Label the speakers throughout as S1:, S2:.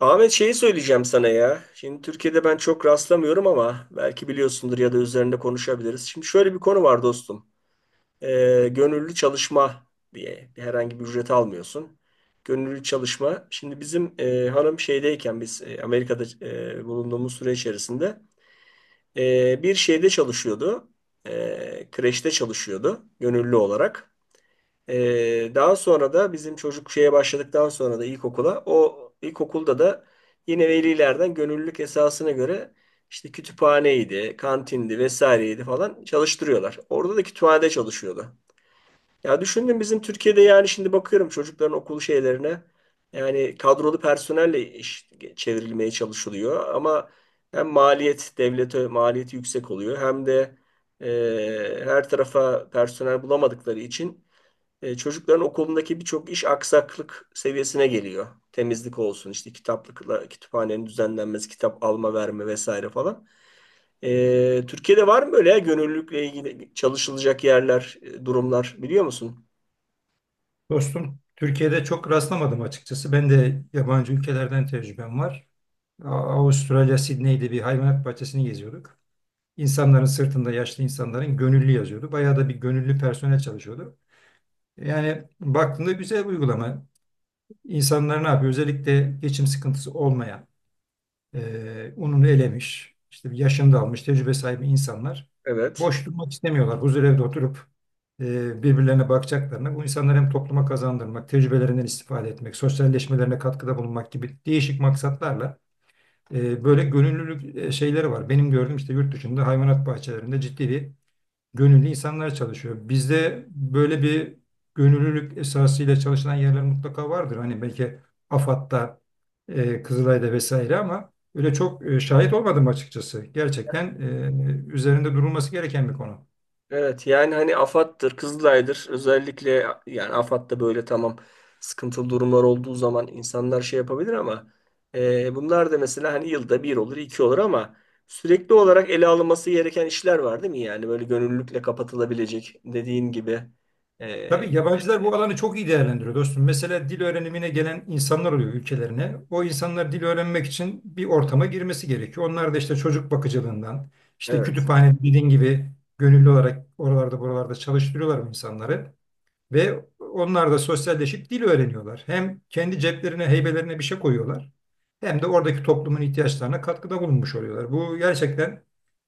S1: Ahmet şeyi söyleyeceğim sana ya. Şimdi Türkiye'de ben çok rastlamıyorum ama belki biliyorsundur ya da üzerinde konuşabiliriz. Şimdi şöyle bir konu var dostum. Gönüllü çalışma diye bir herhangi bir ücret almıyorsun. Gönüllü çalışma. Şimdi bizim hanım şeydeyken biz Amerika'da bulunduğumuz süre içerisinde bir şeyde çalışıyordu. Kreşte çalışıyordu gönüllü olarak. Daha sonra da bizim çocuk şeye başladıktan sonra da ilkokula o ilkokulda da yine velilerden gönüllülük esasına göre işte kütüphaneydi, kantindi vesaireydi falan çalıştırıyorlar. Orada da kütüphanede çalışıyordu. Ya düşündüm bizim Türkiye'de yani şimdi bakıyorum çocukların okul şeylerine yani kadrolu personelle iş çevrilmeye çalışılıyor ama hem maliyet devlete maliyeti yüksek oluyor hem de her tarafa personel bulamadıkları için çocukların okulundaki birçok iş aksaklık seviyesine geliyor. Temizlik olsun, işte kitaplıkla, kütüphanenin düzenlenmesi, kitap alma verme vesaire falan. Türkiye'de var mı böyle ya gönüllülükle ilgili çalışılacak yerler, durumlar biliyor musun?
S2: Dostum, Türkiye'de çok rastlamadım açıkçası. Ben de yabancı ülkelerden tecrübem var. A- Avustralya, Sydney'de bir hayvanat bahçesini geziyorduk. İnsanların sırtında yaşlı insanların gönüllü yazıyordu. Bayağı da bir gönüllü personel çalışıyordu. Yani baktığında güzel bir uygulama. İnsanlar ne yapıyor? Özellikle geçim sıkıntısı olmayan, ununu elemiş, işte bir yaşını da almış, tecrübe sahibi insanlar
S1: Evet.
S2: boş durmak istemiyorlar. Huzurevde oturup birbirlerine bakacaklarına bu insanları hem topluma kazandırmak, tecrübelerinden istifade etmek, sosyalleşmelerine katkıda bulunmak gibi değişik maksatlarla böyle gönüllülük şeyleri var. Benim gördüğüm işte yurt dışında hayvanat bahçelerinde ciddi bir gönüllü insanlar çalışıyor. Bizde böyle bir gönüllülük esasıyla çalışılan yerler mutlaka vardır. Hani belki AFAD'da, Kızılay'da vesaire ama öyle çok şahit olmadım açıkçası. Gerçekten üzerinde durulması gereken bir konu.
S1: Evet yani hani AFAD'dır, Kızılay'dır. Özellikle yani AFAD'da böyle tamam sıkıntılı durumlar olduğu zaman insanlar şey yapabilir ama bunlar da mesela hani yılda bir olur, iki olur ama sürekli olarak ele alınması gereken işler var değil mi? Yani böyle gönüllülükle kapatılabilecek dediğin gibi. E,
S2: Tabii yabancılar bu alanı çok iyi değerlendiriyor dostum. Mesela dil öğrenimine gelen insanlar oluyor ülkelerine. O insanlar dil öğrenmek için bir ortama girmesi gerekiyor. Onlar da işte çocuk bakıcılığından, işte
S1: evet.
S2: kütüphane dediğin gibi gönüllü olarak oralarda buralarda çalıştırıyorlar bu insanları. Ve onlar da sosyalleşip dil öğreniyorlar. Hem kendi ceplerine, heybelerine bir şey koyuyorlar. Hem de oradaki toplumun ihtiyaçlarına katkıda bulunmuş oluyorlar. Bu gerçekten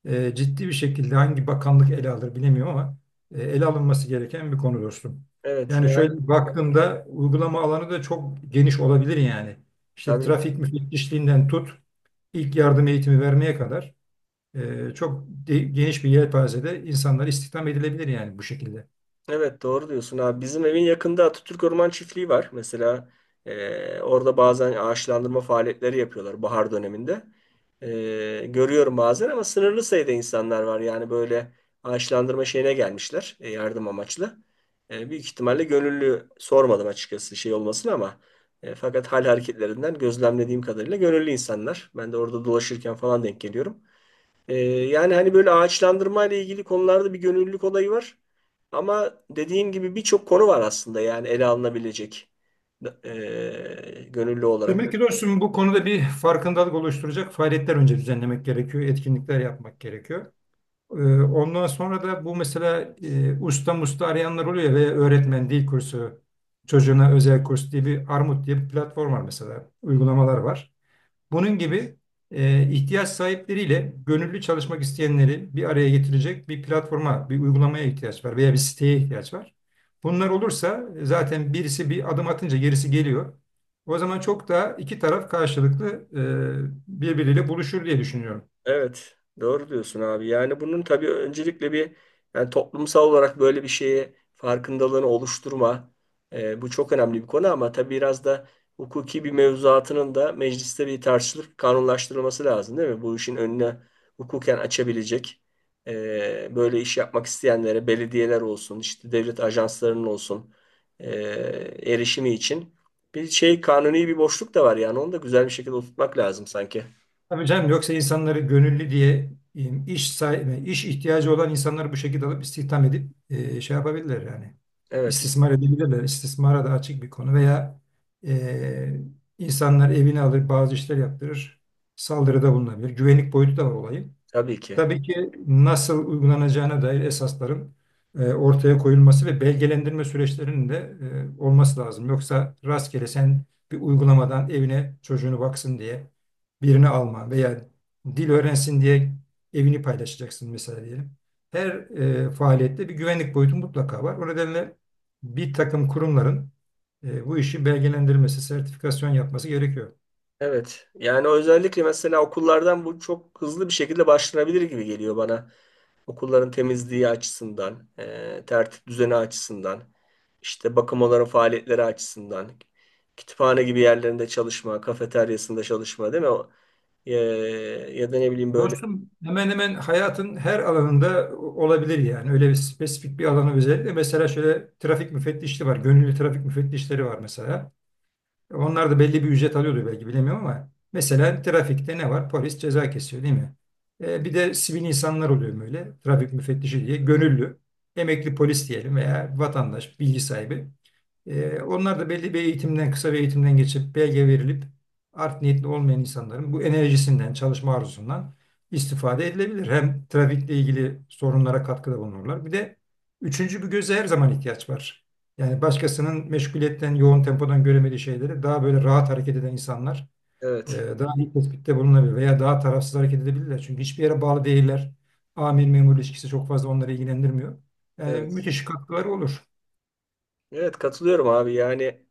S2: ciddi bir şekilde hangi bakanlık ele alır bilemiyorum ama ele alınması gereken bir konu dostum.
S1: Evet
S2: Yani
S1: yani
S2: şöyle baktığımda uygulama alanı da çok geniş olabilir yani. İşte
S1: tabii ki.
S2: trafik müfettişliğinden tut, ilk yardım eğitimi vermeye kadar çok geniş bir yelpazede insanlar istihdam edilebilir yani bu şekilde.
S1: Evet doğru diyorsun abi. Bizim evin yakında Atatürk Orman Çiftliği var. Mesela orada bazen ağaçlandırma faaliyetleri yapıyorlar bahar döneminde. Görüyorum bazen ama sınırlı sayıda insanlar var. Yani böyle ağaçlandırma şeyine gelmişler yardım amaçlı. Büyük ihtimalle gönüllü sormadım açıkçası şey olmasını ama fakat hal hareketlerinden gözlemlediğim kadarıyla gönüllü insanlar. Ben de orada dolaşırken falan denk geliyorum. Yani hani böyle ağaçlandırma ile ilgili konularda bir gönüllülük olayı var. Ama dediğim gibi birçok konu var aslında yani ele alınabilecek gönüllü olarak.
S2: Demek ki dostum bu konuda bir farkındalık oluşturacak faaliyetler önce düzenlemek gerekiyor, etkinlikler yapmak gerekiyor. Ee, Ondan sonra da bu mesela usta musta arayanlar oluyor ve öğretmen dil kursu, çocuğuna özel kurs diye bir Armut diye bir platform var mesela, uygulamalar var. Bunun gibi ihtiyaç sahipleriyle gönüllü çalışmak isteyenleri bir araya getirecek bir platforma, bir uygulamaya ihtiyaç var veya bir siteye ihtiyaç var. Bunlar olursa zaten birisi bir adım atınca gerisi geliyor. O zaman çok daha iki taraf karşılıklı birbiriyle buluşur diye düşünüyorum.
S1: Evet, doğru diyorsun abi. Yani bunun tabii öncelikle bir yani toplumsal olarak böyle bir şeye farkındalığını oluşturma bu çok önemli bir konu ama tabii biraz da hukuki bir mevzuatının da mecliste bir tartışılıp kanunlaştırılması lazım değil mi? Bu işin önüne hukuken açabilecek böyle iş yapmak isteyenlere belediyeler olsun, işte devlet ajanslarının olsun e, erişimi için bir şey kanuni bir boşluk da var yani onu da güzel bir şekilde oturtmak lazım sanki.
S2: Tabii canım yoksa insanları gönüllü diye iş sahibi, iş ihtiyacı olan insanları bu şekilde alıp istihdam edip şey yapabilirler yani.
S1: Evet,
S2: İstismar edebilirler. İstismara da açık bir konu veya e, insanlar evini alır bazı işler yaptırır. Saldırıda bulunabilir. Güvenlik boyutu da var olayın.
S1: tabii ki.
S2: Tabii ki nasıl uygulanacağına dair esasların ortaya koyulması ve belgelendirme süreçlerinin de olması lazım. Yoksa rastgele sen bir uygulamadan evine çocuğunu baksın diye birini alma veya dil öğrensin diye evini paylaşacaksın mesela diyelim. Her faaliyette bir güvenlik boyutu mutlaka var. O nedenle bir takım kurumların bu işi belgelendirmesi, sertifikasyon yapması gerekiyor.
S1: Evet. Yani özellikle mesela okullardan bu çok hızlı bir şekilde başlanabilir gibi geliyor bana. Okulların temizliği açısından, tertip düzeni açısından, işte bakım onların faaliyetleri açısından, kütüphane gibi yerlerinde çalışma, kafeteryasında çalışma değil mi? O- E, ya da ne bileyim böyle.
S2: Dostum hemen hemen hayatın her alanında olabilir yani. Öyle bir spesifik bir alanı özellikle. Mesela şöyle trafik müfettişliği var. Gönüllü trafik müfettişleri var mesela. Onlar da belli bir ücret alıyordu belki bilemiyorum ama mesela trafikte ne var? Polis ceza kesiyor değil mi? Bir de sivil insanlar oluyor böyle. Trafik müfettişi diye gönüllü, emekli polis diyelim veya vatandaş, bilgi sahibi. Onlar da belli bir eğitimden, kısa bir eğitimden geçip belge verilip art niyetli olmayan insanların bu enerjisinden, çalışma arzusundan istifade edilebilir. Hem trafikle ilgili sorunlara katkıda bulunurlar. Bir de üçüncü bir göze her zaman ihtiyaç var. Yani başkasının meşguliyetten, yoğun tempodan göremediği şeyleri daha böyle rahat hareket eden insanlar e,
S1: Evet,
S2: daha iyi tespitte bulunabilir veya daha tarafsız hareket edebilirler. Çünkü hiçbir yere bağlı değiller. Amir memur ilişkisi çok fazla onları ilgilendirmiyor. Yani
S1: evet.
S2: müthiş katkıları olur.
S1: Evet katılıyorum abi yani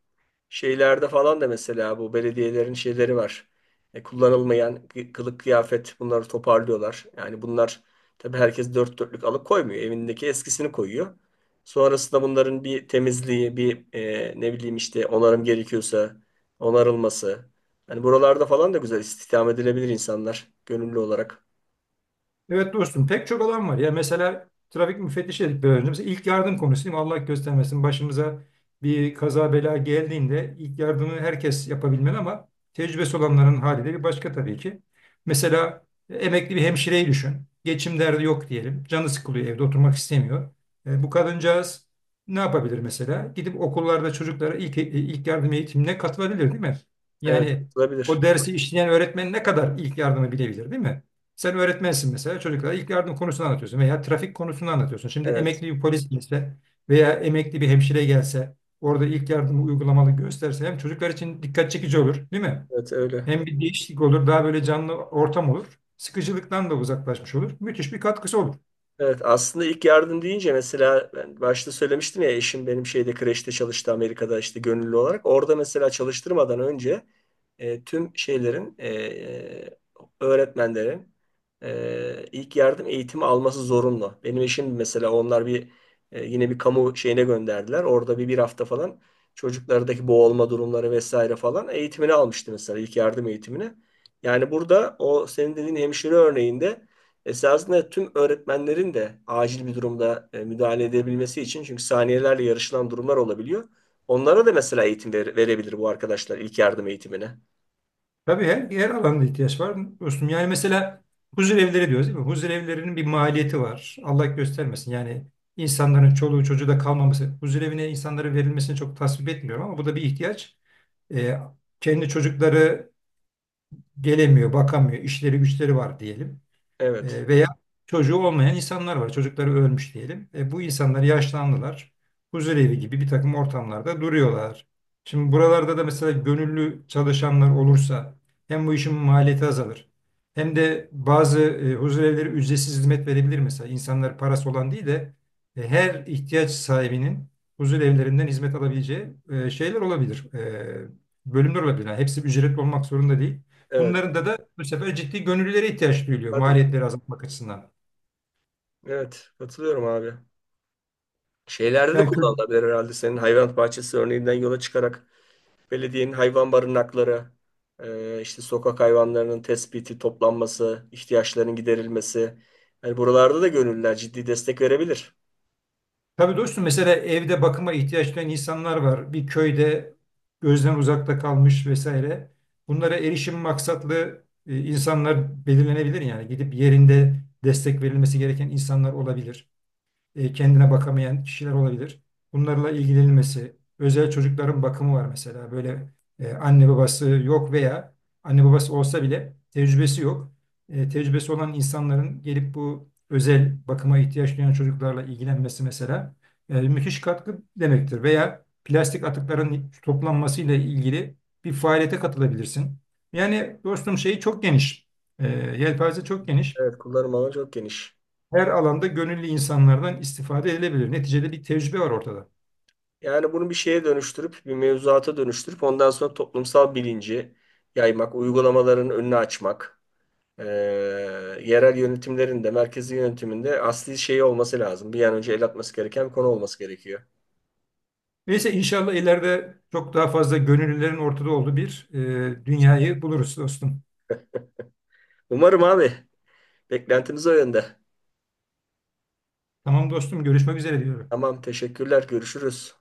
S1: şeylerde falan da mesela bu belediyelerin şeyleri var. Kullanılmayan kılık kıyafet bunları toparlıyorlar. Yani bunlar tabii herkes dört dörtlük alıp koymuyor. Evindeki eskisini koyuyor. Sonrasında bunların bir temizliği, bir ne bileyim işte onarım gerekiyorsa onarılması. Yani buralarda falan da güzel istihdam edilebilir insanlar gönüllü olarak.
S2: Evet dostum pek çok alan var. Ya mesela trafik müfettişi dedik biraz önce. Mesela ilk yardım konusu Allah göstermesin başımıza bir kaza bela geldiğinde ilk yardımı herkes yapabilmeli ama tecrübesi olanların hali de bir başka tabii ki. Mesela emekli bir hemşireyi düşün. Geçim derdi yok diyelim. Canı sıkılıyor evde oturmak istemiyor. Bu kadıncağız ne yapabilir mesela? Gidip okullarda çocuklara ilk yardım eğitimine katılabilir değil mi?
S1: Evet,
S2: Yani
S1: katılabilir.
S2: o dersi işleyen öğretmen ne kadar ilk yardımı bilebilir değil mi? Sen öğretmensin mesela çocuklara ilk yardım konusunu anlatıyorsun veya trafik konusunu anlatıyorsun. Şimdi
S1: Evet,
S2: emekli bir polis gelse veya emekli bir hemşire gelse orada ilk yardımı uygulamalı gösterse hem çocuklar için dikkat çekici olur değil mi?
S1: evet öyle.
S2: Hem bir değişiklik olur daha böyle canlı ortam olur. Sıkıcılıktan da uzaklaşmış olur. Müthiş bir katkısı olur.
S1: Evet aslında ilk yardım deyince mesela ben başta söylemiştim ya eşim benim şeyde kreşte çalıştı Amerika'da işte gönüllü olarak. Orada mesela çalıştırmadan önce tüm şeylerin öğretmenlerin ilk yardım eğitimi alması zorunlu. Benim eşim mesela onlar bir yine bir kamu şeyine gönderdiler. Orada bir hafta falan çocuklardaki boğulma durumları vesaire falan eğitimini almıştı mesela ilk yardım eğitimini. Yani burada o senin dediğin hemşire örneğinde esasında tüm öğretmenlerin de acil bir durumda müdahale edebilmesi için çünkü saniyelerle yarışılan durumlar olabiliyor. Onlara da mesela verebilir bu arkadaşlar ilk yardım eğitimine.
S2: Tabii her, her alanda ihtiyaç var dostum. Yani mesela huzur evleri diyoruz değil mi? Huzur evlerinin bir maliyeti var. Allah göstermesin. Yani insanların çoluğu çocuğu da kalmaması. Huzur evine insanların verilmesini çok tasvip etmiyorum ama bu da bir ihtiyaç. E, Kendi çocukları gelemiyor, bakamıyor, işleri güçleri var diyelim.
S1: Evet.
S2: Veya çocuğu olmayan insanlar var. Çocukları ölmüş diyelim. Bu insanlar yaşlandılar. Huzurevi gibi bir takım ortamlarda duruyorlar. Şimdi buralarda da mesela gönüllü çalışanlar olursa hem bu işin maliyeti azalır. Hem de bazı huzurevleri ücretsiz hizmet verebilir mesela. İnsanlar parası olan değil de her ihtiyaç sahibinin huzurevlerinden hizmet alabileceği şeyler olabilir. Bölümler olabilir. Yani hepsi ücretli olmak zorunda değil.
S1: Evet.
S2: Bunların da bu sefer ciddi gönüllülere ihtiyaç duyuluyor
S1: Tabii ki.
S2: maliyetleri azaltmak açısından.
S1: Evet. Katılıyorum abi. Şeylerde de
S2: Yani kö-
S1: kullanılabilir herhalde senin hayvan bahçesi örneğinden yola çıkarak belediyenin hayvan barınakları, işte sokak hayvanlarının tespiti, toplanması, ihtiyaçlarının giderilmesi. Yani buralarda da gönüllüler ciddi destek verebilir.
S2: tabii dostum mesela evde bakıma ihtiyaç duyan insanlar var. Bir köyde gözden uzakta kalmış vesaire. Bunlara erişim maksatlı insanlar belirlenebilir yani gidip yerinde destek verilmesi gereken insanlar olabilir. Kendine bakamayan kişiler olabilir. Bunlarla ilgilenilmesi, özel çocukların bakımı var mesela. Böyle anne babası yok veya anne babası olsa bile tecrübesi yok. Tecrübesi olan insanların gelip bu özel bakıma ihtiyaç duyan çocuklarla ilgilenmesi mesela müthiş katkı demektir. Veya plastik atıkların toplanmasıyla ilgili bir faaliyete katılabilirsin. Yani dostum şeyi çok geniş. E, Yelpaze çok geniş
S1: Evet, kullanım alanı çok geniş.
S2: her alanda gönüllü insanlardan istifade edilebilir. Neticede bir tecrübe var ortada.
S1: Yani bunu bir şeye dönüştürüp, bir mevzuata dönüştürüp ondan sonra toplumsal bilinci yaymak, uygulamaların önünü açmak, eee, yerel yönetimlerin de merkezi yönetiminde asli şeyi olması lazım. Bir an önce el atması gereken bir konu olması gerekiyor.
S2: Neyse inşallah ileride çok daha fazla gönüllülerin ortada olduğu bir dünyayı buluruz dostum.
S1: Umarım abi. Beklentimiz o yönde.
S2: Tamam dostum görüşmek üzere diyorum.
S1: Tamam, teşekkürler. Görüşürüz.